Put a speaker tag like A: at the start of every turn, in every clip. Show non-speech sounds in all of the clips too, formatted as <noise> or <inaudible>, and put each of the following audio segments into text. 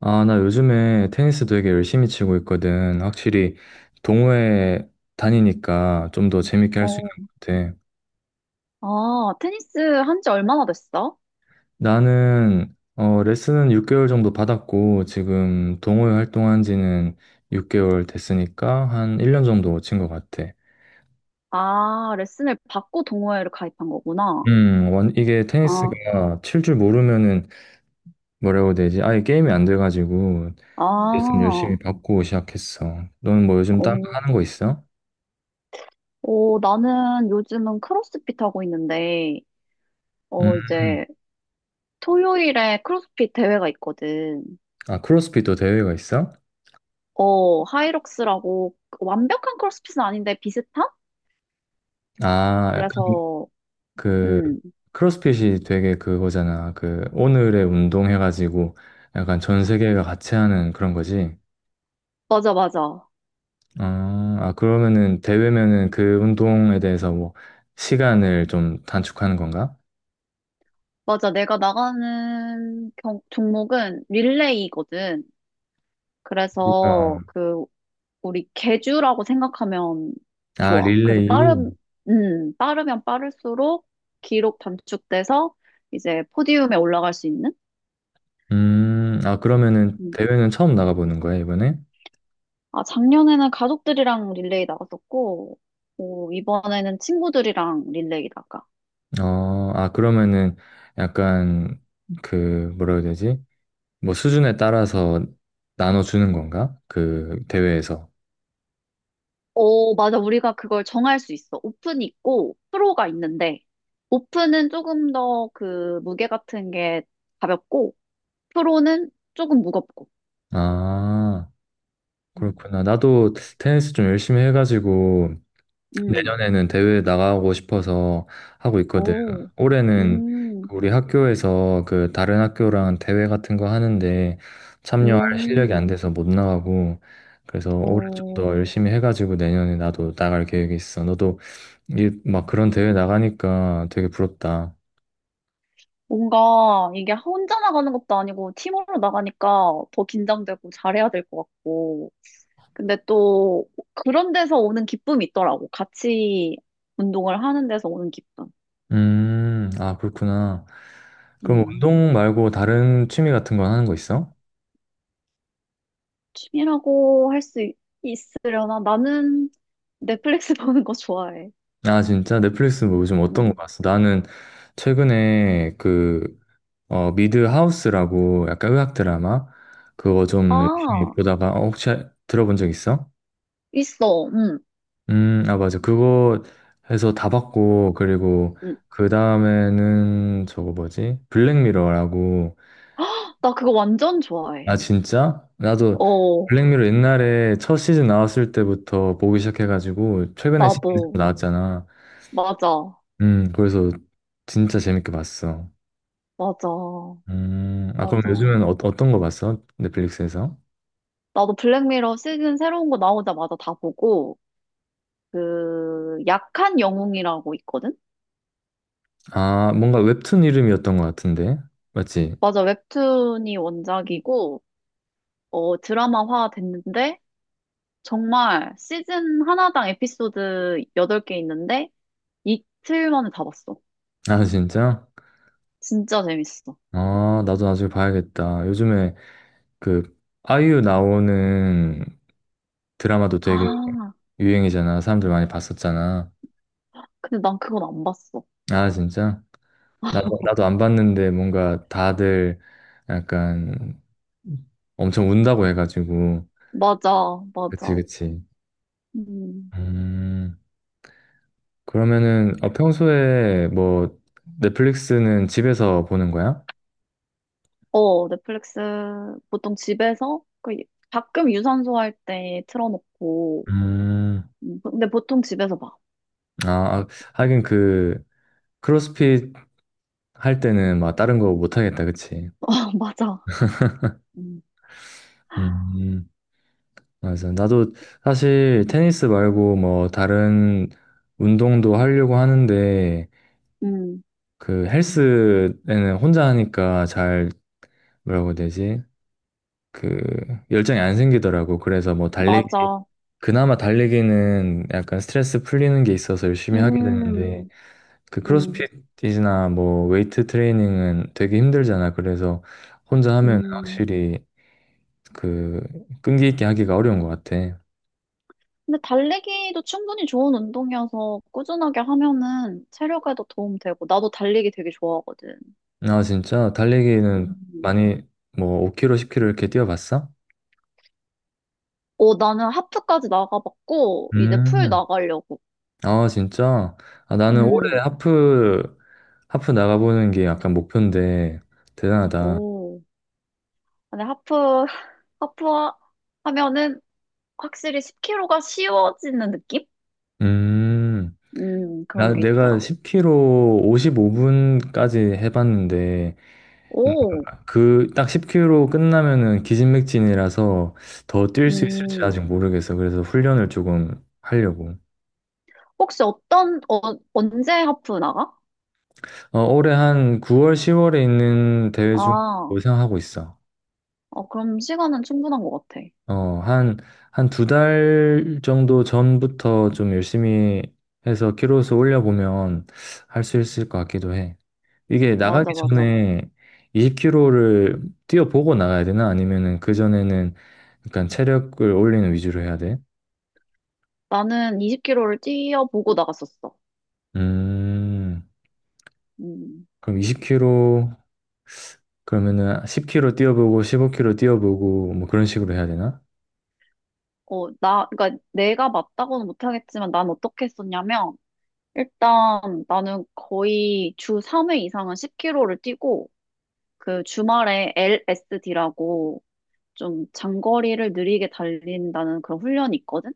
A: 아, 나 요즘에 테니스 되게 열심히 치고 있거든. 확실히 동호회 다니니까 좀 더 재밌게 할 수 있는
B: 어,
A: 것 같아.
B: 아, 테니스 한지 얼마나 됐어?
A: 나는 레슨은 6개월 정도 받았고 지금 동호회 활동한 지는 6개월 됐으니까 한 1년 정도 친 것 같아.
B: 아, 레슨을 받고 동호회를 가입한 거구나.
A: 이게
B: 아,
A: 테니스가 칠 줄 모르면은 뭐라고 해야 되지? 아예 게임이 안 돼가지고
B: 아,
A: 레슨 열심히
B: 어,
A: 받고 시작했어. 너는 뭐 요즘 딴거 하는 거 있어?
B: 어, 나는 요즘은 크로스핏 하고 있는데,
A: 음,
B: 어, 이제 토요일에 크로스핏 대회가 있거든.
A: 아, 크로스핏도 대회가 있어?
B: 어, 하이록스라고 완벽한 크로스핏은 아닌데 비슷한?
A: 아, 약간
B: 그래서,
A: 그
B: 음,
A: 크로스핏이 되게 그거잖아. 그 오늘의 운동 해가지고 약간 전 세계가 같이 하는 그런 거지.
B: 맞아, 맞아.
A: 아, 아, 그러면은 대회면은 그 운동에 대해서 뭐 시간을 좀 단축하는 건가?
B: 맞아. 내가 나가는 종목은 릴레이거든.
A: 어.
B: 그래서 그 우리 개주라고 생각하면
A: 아,
B: 좋아. 그래서
A: 릴레이.
B: 빠르면 빠를수록 기록 단축돼서 이제 포디움에 올라갈 수 있는?
A: 아, 그러면은
B: 음.
A: 대회는 처음 나가보는 거야, 이번에?
B: 아, 작년에는 가족들이랑 릴레이 나갔었고, 오, 이번에는 친구들이랑 릴레이 나가.
A: 아, 그러면은 약간 그 뭐라 해야 되지? 뭐 수준에 따라서 나눠주는 건가? 그 대회에서.
B: 오, 맞아. 우리가 그걸 정할 수 있어. 오픈이 있고, 프로가 있는데, 오픈은 조금 더 그 무게 같은 게 가볍고, 프로는 조금 무겁고.
A: 아.
B: 음,
A: 그렇구나. 나도 테니스 좀 열심히 해가지고
B: 음.
A: 내년에는 대회 나가고 싶어서 하고 있거든.
B: 오,
A: 올해는
B: 음.
A: 그 우리 학교에서 그 다른 학교랑 대회 같은 거 하는데 참여할 실력이 안
B: 음,
A: 돼서 못 나가고 그래서 올해 좀 더
B: 어,
A: 열심히 해가지고 내년에 나도 나갈 계획이 있어. 너도 이 막 그런 대회 나가니까 되게 부럽다.
B: 뭔가 이게 혼자 나가는 것도 아니고 팀으로 나가니까 더 긴장되고 잘해야 될 것 같고. 근데 또 그런 데서 오는 기쁨이 있더라고. 같이 운동을 하는 데서 오는 기쁨.
A: 아, 그렇구나. 그럼
B: 음,
A: 운동 말고 다른 취미 같은 건 하는 거 있어?
B: 취미라고 할 수 있으려나? 나는 넷플릭스 <laughs> 보는 거 좋아해.
A: 아, 진짜? 넷플릭스 뭐 요즘 어떤 거
B: 음.
A: 봤어? 나는 최근에 그, 미드 하우스라고 약간 의학 드라마? 그거 좀 열심히
B: 아,
A: 보다가, 혹시 들어본 적 있어?
B: 있어. 음.
A: 아, 맞아. 그거 해서 다 봤고, 그리고
B: 음.
A: 그 다음에는 저거 뭐지? 블랙미러라고.
B: 나 그거 완전
A: 아,
B: 좋아해.
A: 진짜? 나도
B: 어,
A: 블랙미러 옛날에 첫 시즌 나왔을 때부터 보기 시작해가지고, 최근에 시즌
B: 나도.
A: 나왔잖아.
B: 맞아.
A: 그래서 진짜 재밌게 봤어.
B: 맞아.
A: 아, 그럼
B: 맞아.
A: 요즘엔 어떤 거 봤어? 넷플릭스에서?
B: 나도 블랙미러 시즌 새로운 거 나오자마자 다 보고, 그, 약한 영웅이라고 있거든?
A: 아, 뭔가 웹툰 이름이었던 것 같은데. 맞지?
B: 맞아, 웹툰이 원작이고, 어, 드라마화 됐는데, 정말 시즌 하나당 에피소드 8개 있는데, 이틀 만에 다 봤어.
A: <laughs> 아, 진짜?
B: 진짜 재밌어.
A: 아, 나도 나중에 봐야겠다. 요즘에 그 아이유 나오는 드라마도 되게
B: 아,
A: 유행이잖아. 사람들 많이 봤었잖아.
B: 근데 난 그건 안 봤어.
A: 아, 진짜? 나도 안 봤는데 뭔가 다들 약간 엄청 운다고 해가지고.
B: 맞아,
A: 그치,
B: 맞아.
A: 그치.
B: 음,
A: 음. 그러면은 평소에 뭐 넷플릭스는 집에서 보는 거야?
B: 어, 넷플릭스 보통 집에서, 그 가끔 유산소 할 때 틀어놓고,
A: 음,
B: 근데 보통 집에서 봐.
A: 아, 아, 하긴 그 크로스핏 할 때는 막 다른 거 못 하겠다, 그치?
B: 아, 맞아. 음.
A: 음, 맞아. 나도 사실 테니스 말고 뭐 다른 운동도 하려고 하는데
B: 음,
A: 그 헬스에는 혼자 하니까 잘 뭐라고 해야 되지? 그 열정이 안 생기더라고. 그래서 뭐 달리기
B: 맞아.
A: 그나마 달리기는 약간 스트레스 풀리는 게 있어서 열심히 하게 되는데
B: 음,
A: 그
B: 음,
A: 크로스핏이나 뭐 웨이트 트레이닝은 되게 힘들잖아. 그래서 혼자 하면
B: 음.
A: 확실히 그 끈기 있게 하기가 어려운 것 같아.
B: 근데 달리기도 충분히 좋은 운동이어서 꾸준하게 하면은 체력에도 도움 되고, 나도 달리기 되게 좋아하거든.
A: 아 진짜 달리기는
B: 음.
A: 많이 뭐 5km, 10km 이렇게 뛰어봤어?
B: 오, 나는 하프까지 나가봤고, 이제 풀
A: 음.
B: 나가려고.
A: 아 진짜? 아 나는 올해
B: 음,
A: 하프 나가보는 게 약간 목표인데 대단하다.
B: 오. 근데 하프, <laughs> 하프 하면은 확실히 10kg가 쉬워지는 느낌?
A: 음.
B: 그런 게
A: 내가
B: 있더라.
A: 10km 55분까지 해봤는데,
B: 오,
A: 그, 딱 10km 끝나면은 기진맥진이라서 더 뛸 수 있을지
B: 음.
A: 아직 모르겠어. 그래서 훈련을 조금 하려고.
B: 혹시 언제 하프 나가?
A: 올해 한 9월, 10월에 있는 대회 중
B: 아,
A: 생각하고 있어.
B: 어, 그럼 시간은 충분한 것 같아.
A: 어, 한, 한 두 달 정도 전부터 좀 열심히 해서 키로수 올려보면 할 수 있을 것 같기도 해. 이게
B: 맞아,
A: 나가기
B: 맞아.
A: 전에 20km를 뛰어보고 나가야 되나? 아니면은 그전에는 약간 체력을 올리는 위주로 해야 돼?
B: 나는 20km를 뛰어보고 나갔었어.
A: 음,
B: 음.
A: 그럼 20km, 그러면은 10km 뛰어보고 15km 뛰어보고 뭐 그런 식으로 해야 되나?
B: 어, 그러니까 내가 맞다고는 못하겠지만 난 어떻게 했었냐면, 일단 나는 거의 주 3회 이상은 10km를 뛰고, 그 주말에 LSD라고 좀 장거리를 느리게 달린다는 그런 훈련이 있거든?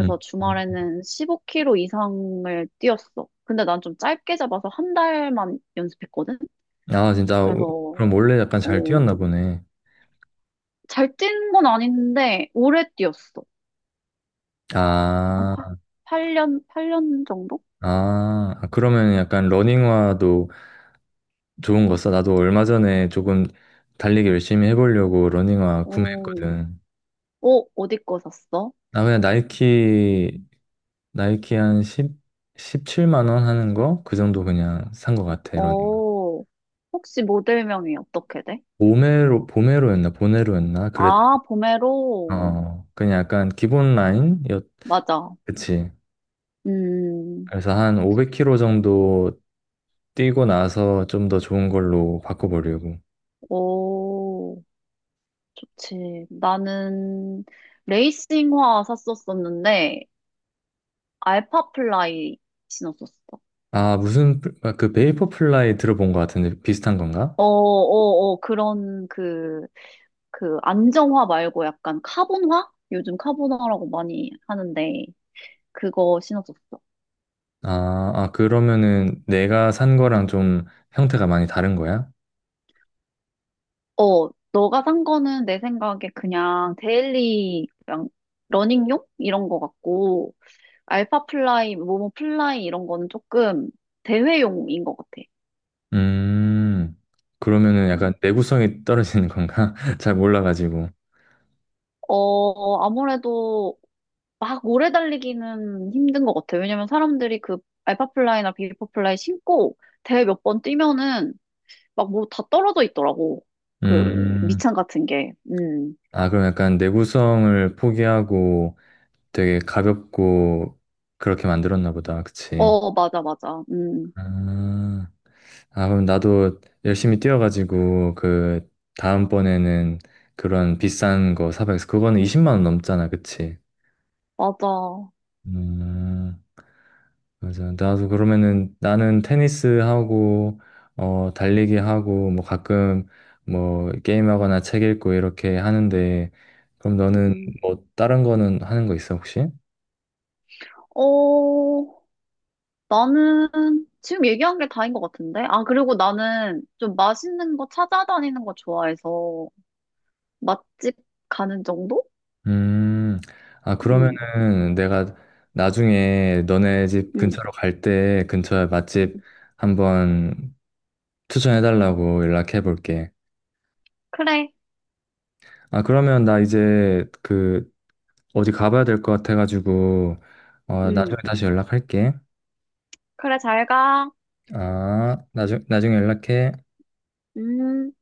A: 음.
B: 주말에는 15km 이상을 뛰었어. 근데 난 좀 짧게 잡아서 한 달만 연습했거든?
A: 아, 진짜,
B: 그래서,
A: 그럼 원래 약간 잘
B: 어,
A: 뛰었나 보네.
B: 잘 뛴 건 아닌데, 오래 뛰었어. 한 8,
A: 아,
B: 팔년 8년 정도?
A: 아, 아, 그러면 약간 러닝화도 좋은 거 써? 나도 얼마 전에 조금 달리기 열심히 해보려고 러닝화
B: 어,
A: 구매했거든.
B: 어디 거 샀어?
A: 나 그냥 나이키 한1십칠7만원 하는 거? 그 정도 그냥 산 것 같아, 이런
B: 어, 혹시 모델명이 어떻게 돼?
A: 보메로였나? 보네로였나? 그랬,
B: 아, 보메로.
A: 그냥 약간 기본 라인이었,
B: 맞아.
A: 그치.
B: 음,
A: 그래서 한 500km 정도 뛰고 나서 좀 더 좋은 걸로 바꿔보려고.
B: 오, 좋지. 나는 레이싱화 샀었었는데, 알파플라이 신었었어.
A: 아, 아, 그 베이퍼 플라이 들어본 것 같은데 비슷한 건가?
B: 그런 그 안정화 말고 약간 카본화? 요즘 카본화라고 많이 하는데 그거 신었었어.
A: 아, 아, 그러면은 내가 산 거랑 좀 형태가 많이 다른 거야?
B: 어, 너가 산 거는 내 생각에 그냥 데일리 그냥 러닝용 이런 거 같고 알파플라이, 모모플라이 이런 거는 조금 대회용인 것 같아.
A: 음, 그러면은 약간
B: 음.
A: 내구성이 떨어지는 건가? <laughs> 잘 몰라가지고.
B: 어, 아무래도 막 오래 달리기는 힘든 것 같아요. 왜냐면 사람들이 그 알파플라이나 비리포플라이 신고 대회 몇 번 뛰면은 막 뭐 다 떨어져 있더라고. 그
A: 음,
B: 밑창 같은 게. 음.
A: 아, 그럼 약간 내구성을 포기하고 되게 가볍고 그렇게 만들었나 보다. 그치?
B: 어, 맞아, 맞아. 음.
A: 아, 아, 그럼 나도 열심히 뛰어가지고 그 다음번에는 그런 비싼 거 사봐야겠어. 그거는 20만 원 넘잖아. 그치?
B: 맞아.
A: 음, 맞아. 나도 그러면은 나는 테니스 하고 달리기 하고 뭐 가끔 뭐 게임하거나 책 읽고 이렇게 하는데 그럼 너는
B: 음.
A: 뭐 다른 거는 하는 거 있어 혹시?
B: 어, 나는 지금 얘기한 게 다인 것 같은데? 아, 그리고 나는 좀 맛있는 거 찾아다니는 거 좋아해서 맛집 가는 정도?
A: 음. 아
B: 음,
A: 그러면은 내가 나중에 너네 집
B: 음,
A: 근처로 갈 때 근처에 맛집
B: 음.
A: 한번 추천해 달라고 연락해 볼게.
B: 그래.
A: 아 그러면 나 이제 그 어디 가봐야 될 것 같아 가지고
B: 음.
A: 나중에 다시 연락할게.
B: 그래, 잘 가.
A: 아, 나중에 연락해.
B: 음.